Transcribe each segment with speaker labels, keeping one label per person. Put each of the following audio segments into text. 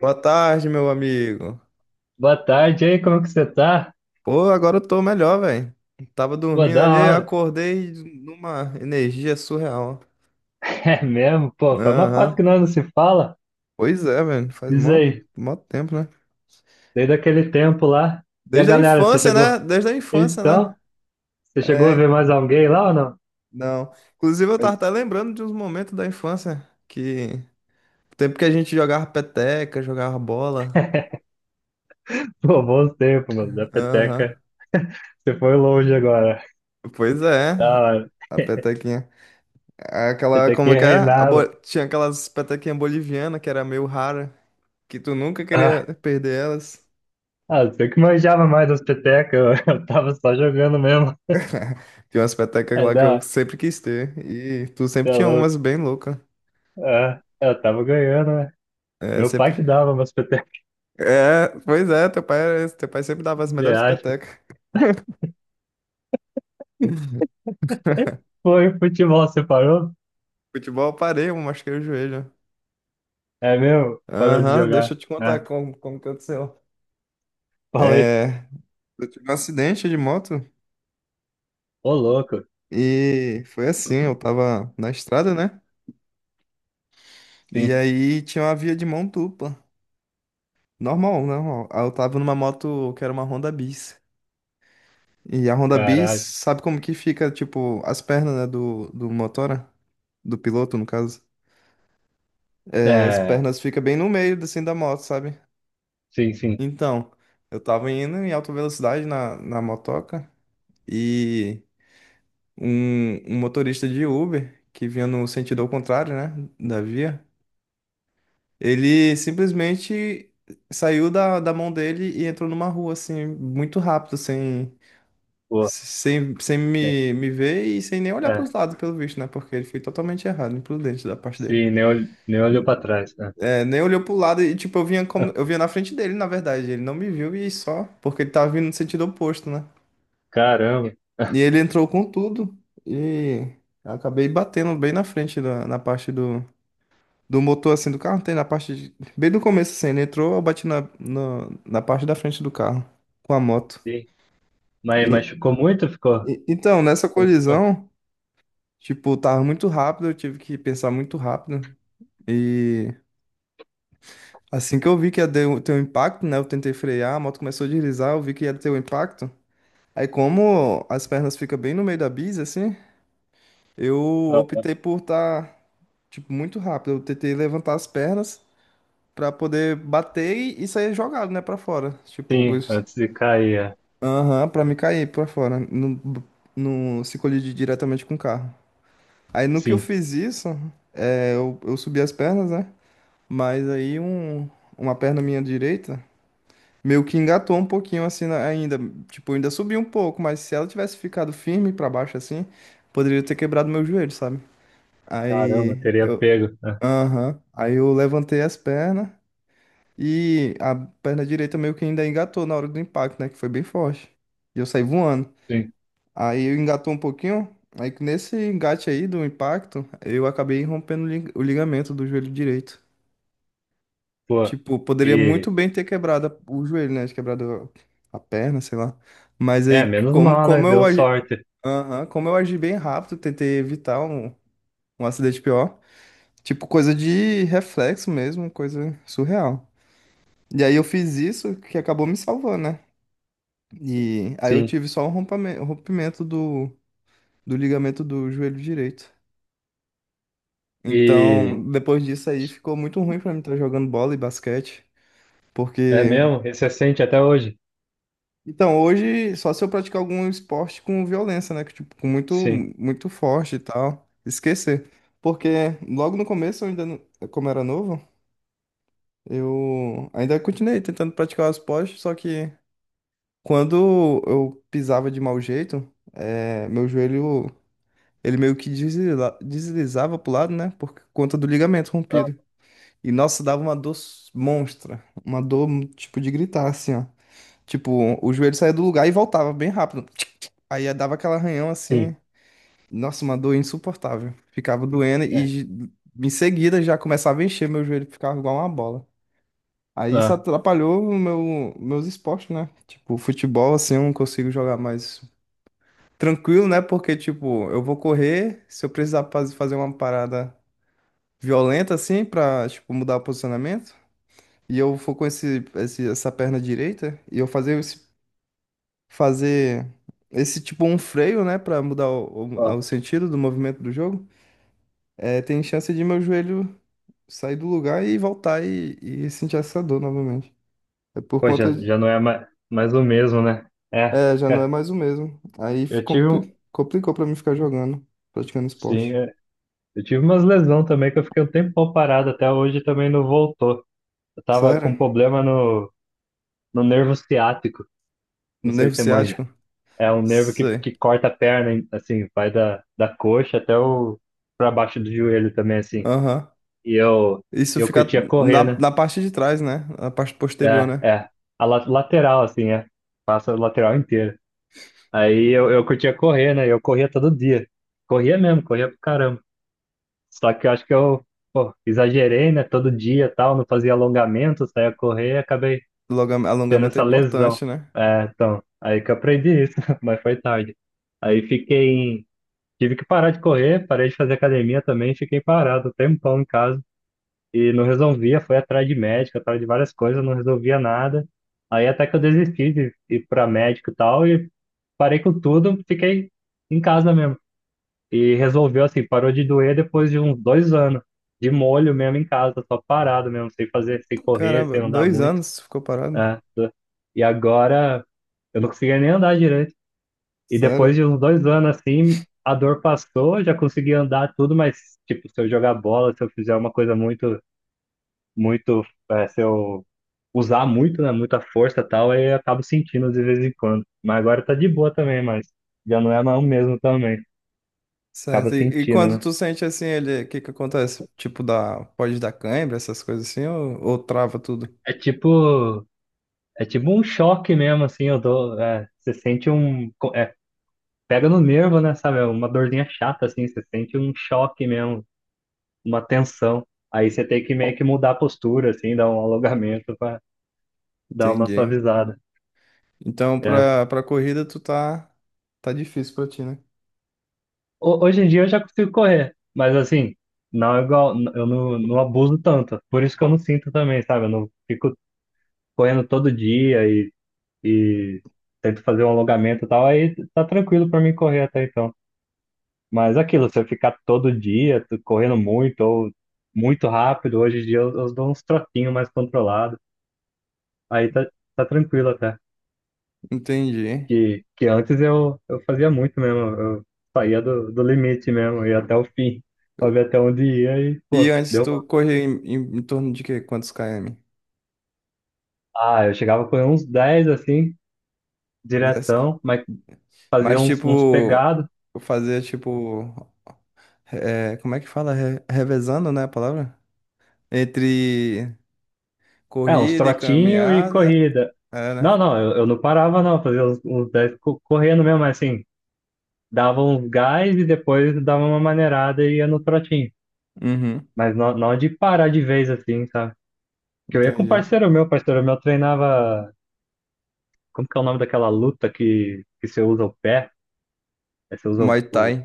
Speaker 1: Boa tarde, meu amigo.
Speaker 2: Boa tarde aí, como que você tá?
Speaker 1: Pô, agora eu tô melhor, velho. Tava
Speaker 2: Pô,
Speaker 1: dormindo
Speaker 2: da
Speaker 1: ali,
Speaker 2: hora.
Speaker 1: acordei numa energia surreal.
Speaker 2: É mesmo? Pô, foi uma cota
Speaker 1: Aham.
Speaker 2: que nós não se fala.
Speaker 1: Pois é, velho. Faz
Speaker 2: Diz
Speaker 1: mó,
Speaker 2: aí,
Speaker 1: mó tempo, né?
Speaker 2: desde aquele tempo lá. E a
Speaker 1: Desde a
Speaker 2: galera, você
Speaker 1: infância,
Speaker 2: chegou?
Speaker 1: né? Desde a infância, né?
Speaker 2: Então, você chegou a ver
Speaker 1: É,
Speaker 2: mais alguém lá ou não?
Speaker 1: não. Inclusive, eu tava até lembrando de uns momentos da infância que. Tempo que a gente jogava peteca, jogava bola.
Speaker 2: Pô, bons tempos, mano. Da
Speaker 1: Aham.
Speaker 2: peteca, você foi longe agora.
Speaker 1: Pois é.
Speaker 2: Da hora.
Speaker 1: A petequinha. Aquela, como é
Speaker 2: Petequinha
Speaker 1: que é?
Speaker 2: reinava.
Speaker 1: Tinha aquelas petequinhas bolivianas que era meio rara, que tu nunca queria
Speaker 2: Ah,
Speaker 1: perder elas.
Speaker 2: ah, você que manjava mais das petecas, eu, eu tava só jogando mesmo.
Speaker 1: Tinha umas petecas
Speaker 2: É
Speaker 1: lá que
Speaker 2: da
Speaker 1: eu
Speaker 2: hora,
Speaker 1: sempre quis ter. E tu
Speaker 2: você
Speaker 1: sempre
Speaker 2: é
Speaker 1: tinha
Speaker 2: louco.
Speaker 1: umas bem loucas.
Speaker 2: Ah, eu tava ganhando, né?
Speaker 1: É,
Speaker 2: Meu pai
Speaker 1: sempre.
Speaker 2: que dava umas petecas,
Speaker 1: É, pois é, teu pai sempre dava as melhores petecas.
Speaker 2: Foi, futebol separou?
Speaker 1: Futebol eu parei, eu machuquei o joelho.
Speaker 2: É meu? Parou de
Speaker 1: Aham, deixa eu
Speaker 2: jogar,
Speaker 1: te contar
Speaker 2: né?
Speaker 1: como que aconteceu.
Speaker 2: Falei.
Speaker 1: É, eu tive um acidente de moto
Speaker 2: Ô, louco.
Speaker 1: e foi assim, eu tava na estrada, né? E
Speaker 2: Sim,
Speaker 1: aí tinha uma via de mão dupla. Normal, normal. Ah, eu tava numa moto que era uma Honda Bis. E a Honda Bis,
Speaker 2: caralho.
Speaker 1: sabe como que fica, tipo, as pernas, né, do motora? Do piloto, no caso. É, as
Speaker 2: É,
Speaker 1: pernas ficam bem no meio, assim, da moto, sabe?
Speaker 2: sim, sim.
Speaker 1: Então, eu tava indo em alta velocidade na, na motoca e um motorista de Uber, que vinha no sentido ao contrário, né, da via, ele simplesmente saiu da mão dele e entrou numa rua, assim, muito rápido, assim.
Speaker 2: Pô,
Speaker 1: Sem
Speaker 2: né?
Speaker 1: me ver e sem nem olhar pros
Speaker 2: É,
Speaker 1: lados, pelo visto, né? Porque ele foi totalmente errado, imprudente da parte dele.
Speaker 2: sim, nem olhou, nem olhou pra trás, né?
Speaker 1: É, nem olhou pro lado e, tipo, eu vinha, como, eu vinha na frente dele, na verdade. Ele não me viu e só, porque ele tava vindo no sentido oposto, né?
Speaker 2: Caramba,
Speaker 1: E ele entrou com tudo e eu acabei batendo bem na frente, na parte do, motor, assim, do carro. Tem na parte, bem do começo, assim. Ele entrou, eu bati na, no- na parte da frente do carro, com a moto.
Speaker 2: sim. Mas
Speaker 1: E,
Speaker 2: machucou muito? Ficou?
Speaker 1: então, nessa
Speaker 2: Como que foi?
Speaker 1: colisão. Tipo, tava muito rápido, eu tive que pensar muito rápido. E assim que eu vi que ia ter um impacto, né? Eu tentei frear, a moto começou a deslizar, eu vi que ia ter um impacto. Aí como as pernas ficam bem no meio da bisa, assim, eu
Speaker 2: Ah,
Speaker 1: optei por estar, tipo, muito rápido. Eu tentei levantar as pernas pra poder bater e sair jogado, né, pra fora. Tipo,
Speaker 2: sim, antes de cair, é.
Speaker 1: aham, pra me cair pra fora, não se colidir diretamente com o carro. Aí no que eu
Speaker 2: Sim.
Speaker 1: fiz isso, eu subi as pernas, né? Mas aí uma perna minha direita meio que engatou um pouquinho assim ainda, tipo, ainda subiu um pouco, mas se ela tivesse ficado firme pra baixo assim, poderia ter quebrado meu joelho, sabe?
Speaker 2: Caramba,
Speaker 1: Aí
Speaker 2: teria
Speaker 1: eu,
Speaker 2: pego, né?
Speaker 1: aham, aí eu levantei as pernas e a perna direita meio que ainda engatou na hora do impacto, né, que foi bem forte. E eu saí voando.
Speaker 2: Sim,
Speaker 1: Aí eu engatou um pouquinho, aí nesse engate aí do impacto, eu acabei rompendo o ligamento do joelho direito.
Speaker 2: pô.
Speaker 1: Tipo, poderia muito
Speaker 2: E,
Speaker 1: bem ter quebrado o joelho, né? Quebrado a perna, sei lá. Mas
Speaker 2: é,
Speaker 1: aí,
Speaker 2: menos
Speaker 1: como,
Speaker 2: mal, né?
Speaker 1: como
Speaker 2: Deu sorte.
Speaker 1: aham, como eu agi bem rápido, tentei evitar um, acidente pior. Tipo, coisa de reflexo mesmo, coisa surreal. E aí eu fiz isso que acabou me salvando, né? E aí eu
Speaker 2: Sim.
Speaker 1: tive só um rompimento do ligamento do joelho direito.
Speaker 2: E,
Speaker 1: Então, depois disso aí, ficou muito ruim pra mim estar jogando bola e basquete.
Speaker 2: é
Speaker 1: Porque
Speaker 2: mesmo? E você sente até hoje?
Speaker 1: Então, hoje, só se eu praticar algum esporte com violência, né? Que, tipo, com muito,
Speaker 2: Sim.
Speaker 1: muito forte e tal. Esquecer. Porque logo no começo, eu ainda não- como era novo, eu ainda continuei tentando praticar os esportes, só que quando eu pisava de mau jeito, meu joelho, ele meio que deslizava pro lado, né? Por conta do ligamento rompido. E, nossa, dava uma dor monstra. Uma dor, tipo, de gritar, assim, ó. Tipo, o joelho saía do lugar e voltava bem rápido. Aí dava aquela arranhão
Speaker 2: Sim,
Speaker 1: assim. Nossa, uma dor insuportável. Ficava doendo
Speaker 2: é.
Speaker 1: e em seguida já começava a encher meu joelho, ficava igual uma bola. Aí isso
Speaker 2: Ah,
Speaker 1: atrapalhou meus esportes, né? Tipo, futebol, assim, eu não consigo jogar mais tranquilo, né? Porque, tipo, eu vou correr, se eu precisar fazer uma parada violenta, assim, pra, tipo, mudar o posicionamento, e eu for com essa perna direita, e eu fazer esse tipo um freio, né, pra mudar o,
Speaker 2: ó,
Speaker 1: o- o sentido do movimento do jogo, é, tem chance de meu joelho sair do lugar e voltar e sentir essa dor novamente. É por
Speaker 2: pô, já,
Speaker 1: conta de,
Speaker 2: já não é mais o mesmo, né? É,
Speaker 1: é, já não é
Speaker 2: cara,
Speaker 1: mais o mesmo. Aí fi-
Speaker 2: eu tive, um-
Speaker 1: compli- complicou pra mim ficar jogando, praticando
Speaker 2: sim,
Speaker 1: esporte.
Speaker 2: é, eu tive umas lesão também que eu fiquei um tempão parado, até hoje também não voltou. Eu tava
Speaker 1: Sério?
Speaker 2: com problema no nervo ciático, não
Speaker 1: No
Speaker 2: sei
Speaker 1: nervo
Speaker 2: se você manja.
Speaker 1: ciático?
Speaker 2: É um nervo
Speaker 1: Sei.
Speaker 2: que corta a perna, hein, assim, vai da coxa até o, pra baixo do joelho também, assim.
Speaker 1: Aham.
Speaker 2: E eu,
Speaker 1: Isso
Speaker 2: eu
Speaker 1: fica
Speaker 2: curtia correr,
Speaker 1: na,
Speaker 2: né?
Speaker 1: na parte de trás, né? Na parte posterior,
Speaker 2: É,
Speaker 1: né?
Speaker 2: é. A la- lateral, assim, é. Passa a lateral inteira. Eu curtia correr, né? Eu corria todo dia. Corria mesmo, corria pra caramba. Só que eu acho que pô, exagerei, né? Todo dia e tal, não fazia alongamento, saía correr e acabei
Speaker 1: Alonga-
Speaker 2: tendo
Speaker 1: Alongamento é
Speaker 2: essa lesão.
Speaker 1: importante, né?
Speaker 2: É, então, aí que eu aprendi isso, mas foi tarde. Aí fiquei em... Tive que parar de correr, parei de fazer academia também, fiquei parado um tempão em casa e não resolvia, foi atrás de médico, atrás de várias coisas, não resolvia nada. Aí até que eu desisti de ir para médico e tal, e parei com tudo, fiquei em casa mesmo. E resolveu assim, parou de doer depois de uns dois anos, de molho mesmo em casa, só parado mesmo, sem fazer, sem correr, sem
Speaker 1: Caramba,
Speaker 2: andar
Speaker 1: dois
Speaker 2: muito.
Speaker 1: anos ficou parado.
Speaker 2: Né? E agora eu não conseguia nem andar direito. E depois
Speaker 1: Sério?
Speaker 2: de uns dois anos assim, a dor passou, já consegui andar tudo, mas tipo, se eu jogar bola, se eu fizer uma coisa muito muito, é, se eu usar muito, né, muita força e tal, aí eu acabo sentindo de vez em quando. Mas agora tá de boa também, mas já não é mais o mesmo também. Acaba
Speaker 1: Certo. E
Speaker 2: sentindo,
Speaker 1: quando
Speaker 2: né?
Speaker 1: tu sente assim, ele, o que que acontece? Tipo, pode dar cãibra, essas coisas assim, ou trava tudo?
Speaker 2: É tipo, é tipo um choque mesmo, assim, eu dou, é, você sente um, é, pega no nervo, né, sabe? É uma dorzinha chata, assim, você sente um choque mesmo, uma tensão. Aí você tem que meio que mudar a postura, assim, dar um alongamento pra dar uma
Speaker 1: Entendi.
Speaker 2: suavizada.
Speaker 1: Então,
Speaker 2: É.
Speaker 1: pra corrida, tu tá difícil pra ti, né?
Speaker 2: Hoje em dia eu já consigo correr, mas assim, não é igual, eu não, não abuso tanto. Por isso que eu não sinto também, sabe? Eu não fico correndo todo dia e tento fazer um alongamento e tal, aí tá tranquilo pra mim correr até então. Mas aquilo, se eu ficar todo dia correndo muito ou muito rápido, hoje em dia eu dou uns trotinhos mais controlados, aí tá, tá tranquilo até.
Speaker 1: Entendi.
Speaker 2: Que antes eu fazia muito mesmo, eu saía do limite mesmo, ia até o fim, pra ver até onde ia e,
Speaker 1: E
Speaker 2: pô,
Speaker 1: antes
Speaker 2: deu
Speaker 1: tu
Speaker 2: mal.
Speaker 1: corria em torno de quê? Quantos km?
Speaker 2: Ah, eu chegava com uns 10 assim,
Speaker 1: 10 km.
Speaker 2: diretão, mas fazia
Speaker 1: Mas,
Speaker 2: uns
Speaker 1: tipo,
Speaker 2: pegados,
Speaker 1: fazer, tipo, é, como é que fala? Revezando, né, a palavra? Entre
Speaker 2: é, uns
Speaker 1: corrida e
Speaker 2: trotinho e
Speaker 1: caminhada,
Speaker 2: corrida.
Speaker 1: é, né?
Speaker 2: Não, não, eu não parava não, fazia uns 10 co- correndo mesmo, mas assim, dava uns gás e depois dava uma maneirada e ia no trotinho.
Speaker 1: Uhum,
Speaker 2: Mas não, não de parar de vez assim, sabe? Porque eu ia com um
Speaker 1: entendi.
Speaker 2: parceiro meu treinava Como que é o nome daquela luta que você usa o pé? Aí você usa
Speaker 1: Muay Thai.
Speaker 2: o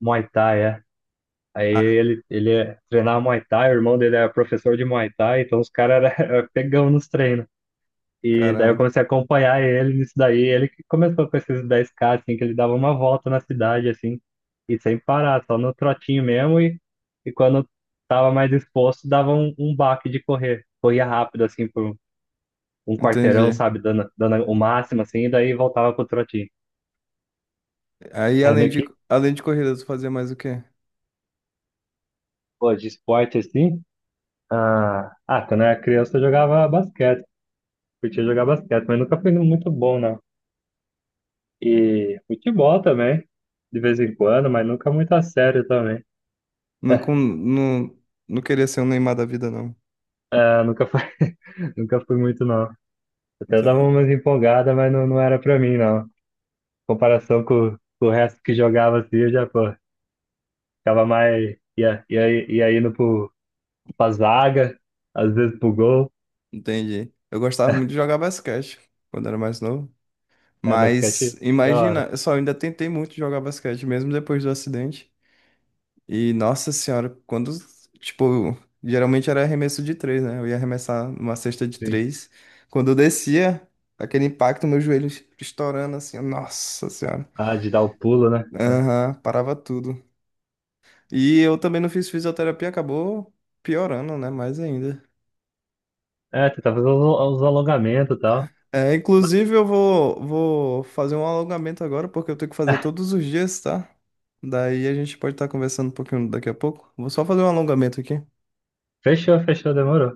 Speaker 2: Muay Thai, é. Aí treinava Muay Thai, o irmão dele era professor de Muay Thai, então os caras era era pegão nos treinos. E daí eu
Speaker 1: Caramba,
Speaker 2: comecei a acompanhar ele nisso daí. Ele que começou com esses 10K, assim, que ele dava uma volta na cidade, assim, e sem parar, só no trotinho mesmo. E quando tava mais disposto, dava um, um baque de correr. Corria rápido, assim, por um quarteirão,
Speaker 1: entendi.
Speaker 2: sabe, dando o máximo, assim, e daí voltava pro trotinho.
Speaker 1: Aí,
Speaker 2: Era
Speaker 1: além
Speaker 2: meio
Speaker 1: de,
Speaker 2: que,
Speaker 1: além de corrida, tu fazia mais o quê?
Speaker 2: pô, de esporte assim. Ah, quando eu era criança eu jogava basquete, curtia jogar basquete, mas nunca fui muito bom, não. E futebol também, de vez em quando, mas nunca muito a sério também.
Speaker 1: Não, não queria ser um Neymar da vida, não.
Speaker 2: Ah, nunca fui, nunca fui muito, não. Até dava umas empolgadas, mas não, não era pra mim, não. Em comparação com o resto que jogava assim, eu já, pô, ficava mais. Ia, ia, ia indo pro, pra zaga, às vezes pro gol.
Speaker 1: Entendi. Eu gostava muito de jogar basquete quando era mais novo.
Speaker 2: É,
Speaker 1: Mas
Speaker 2: basquete da
Speaker 1: imagina,
Speaker 2: hora,
Speaker 1: eu só ainda tentei muito jogar basquete, mesmo depois do acidente. E nossa senhora, quando, tipo, geralmente era arremesso de três, né? Eu ia arremessar uma cesta de
Speaker 2: sim.
Speaker 1: três. Quando eu descia, aquele impacto, meu joelho estourando assim, nossa senhora.
Speaker 2: Ah, de dar o pulo, né?
Speaker 1: Aham, parava tudo. E eu também não fiz fisioterapia, acabou piorando, né? Mais ainda.
Speaker 2: É, tentar fazer os alongamentos e tal.
Speaker 1: É, inclusive, eu vou fazer um alongamento agora, porque eu tenho que fazer todos os dias, tá? Daí a gente pode estar conversando um pouquinho daqui a pouco. Vou só fazer um alongamento aqui.
Speaker 2: Fechou, fechou, demorou.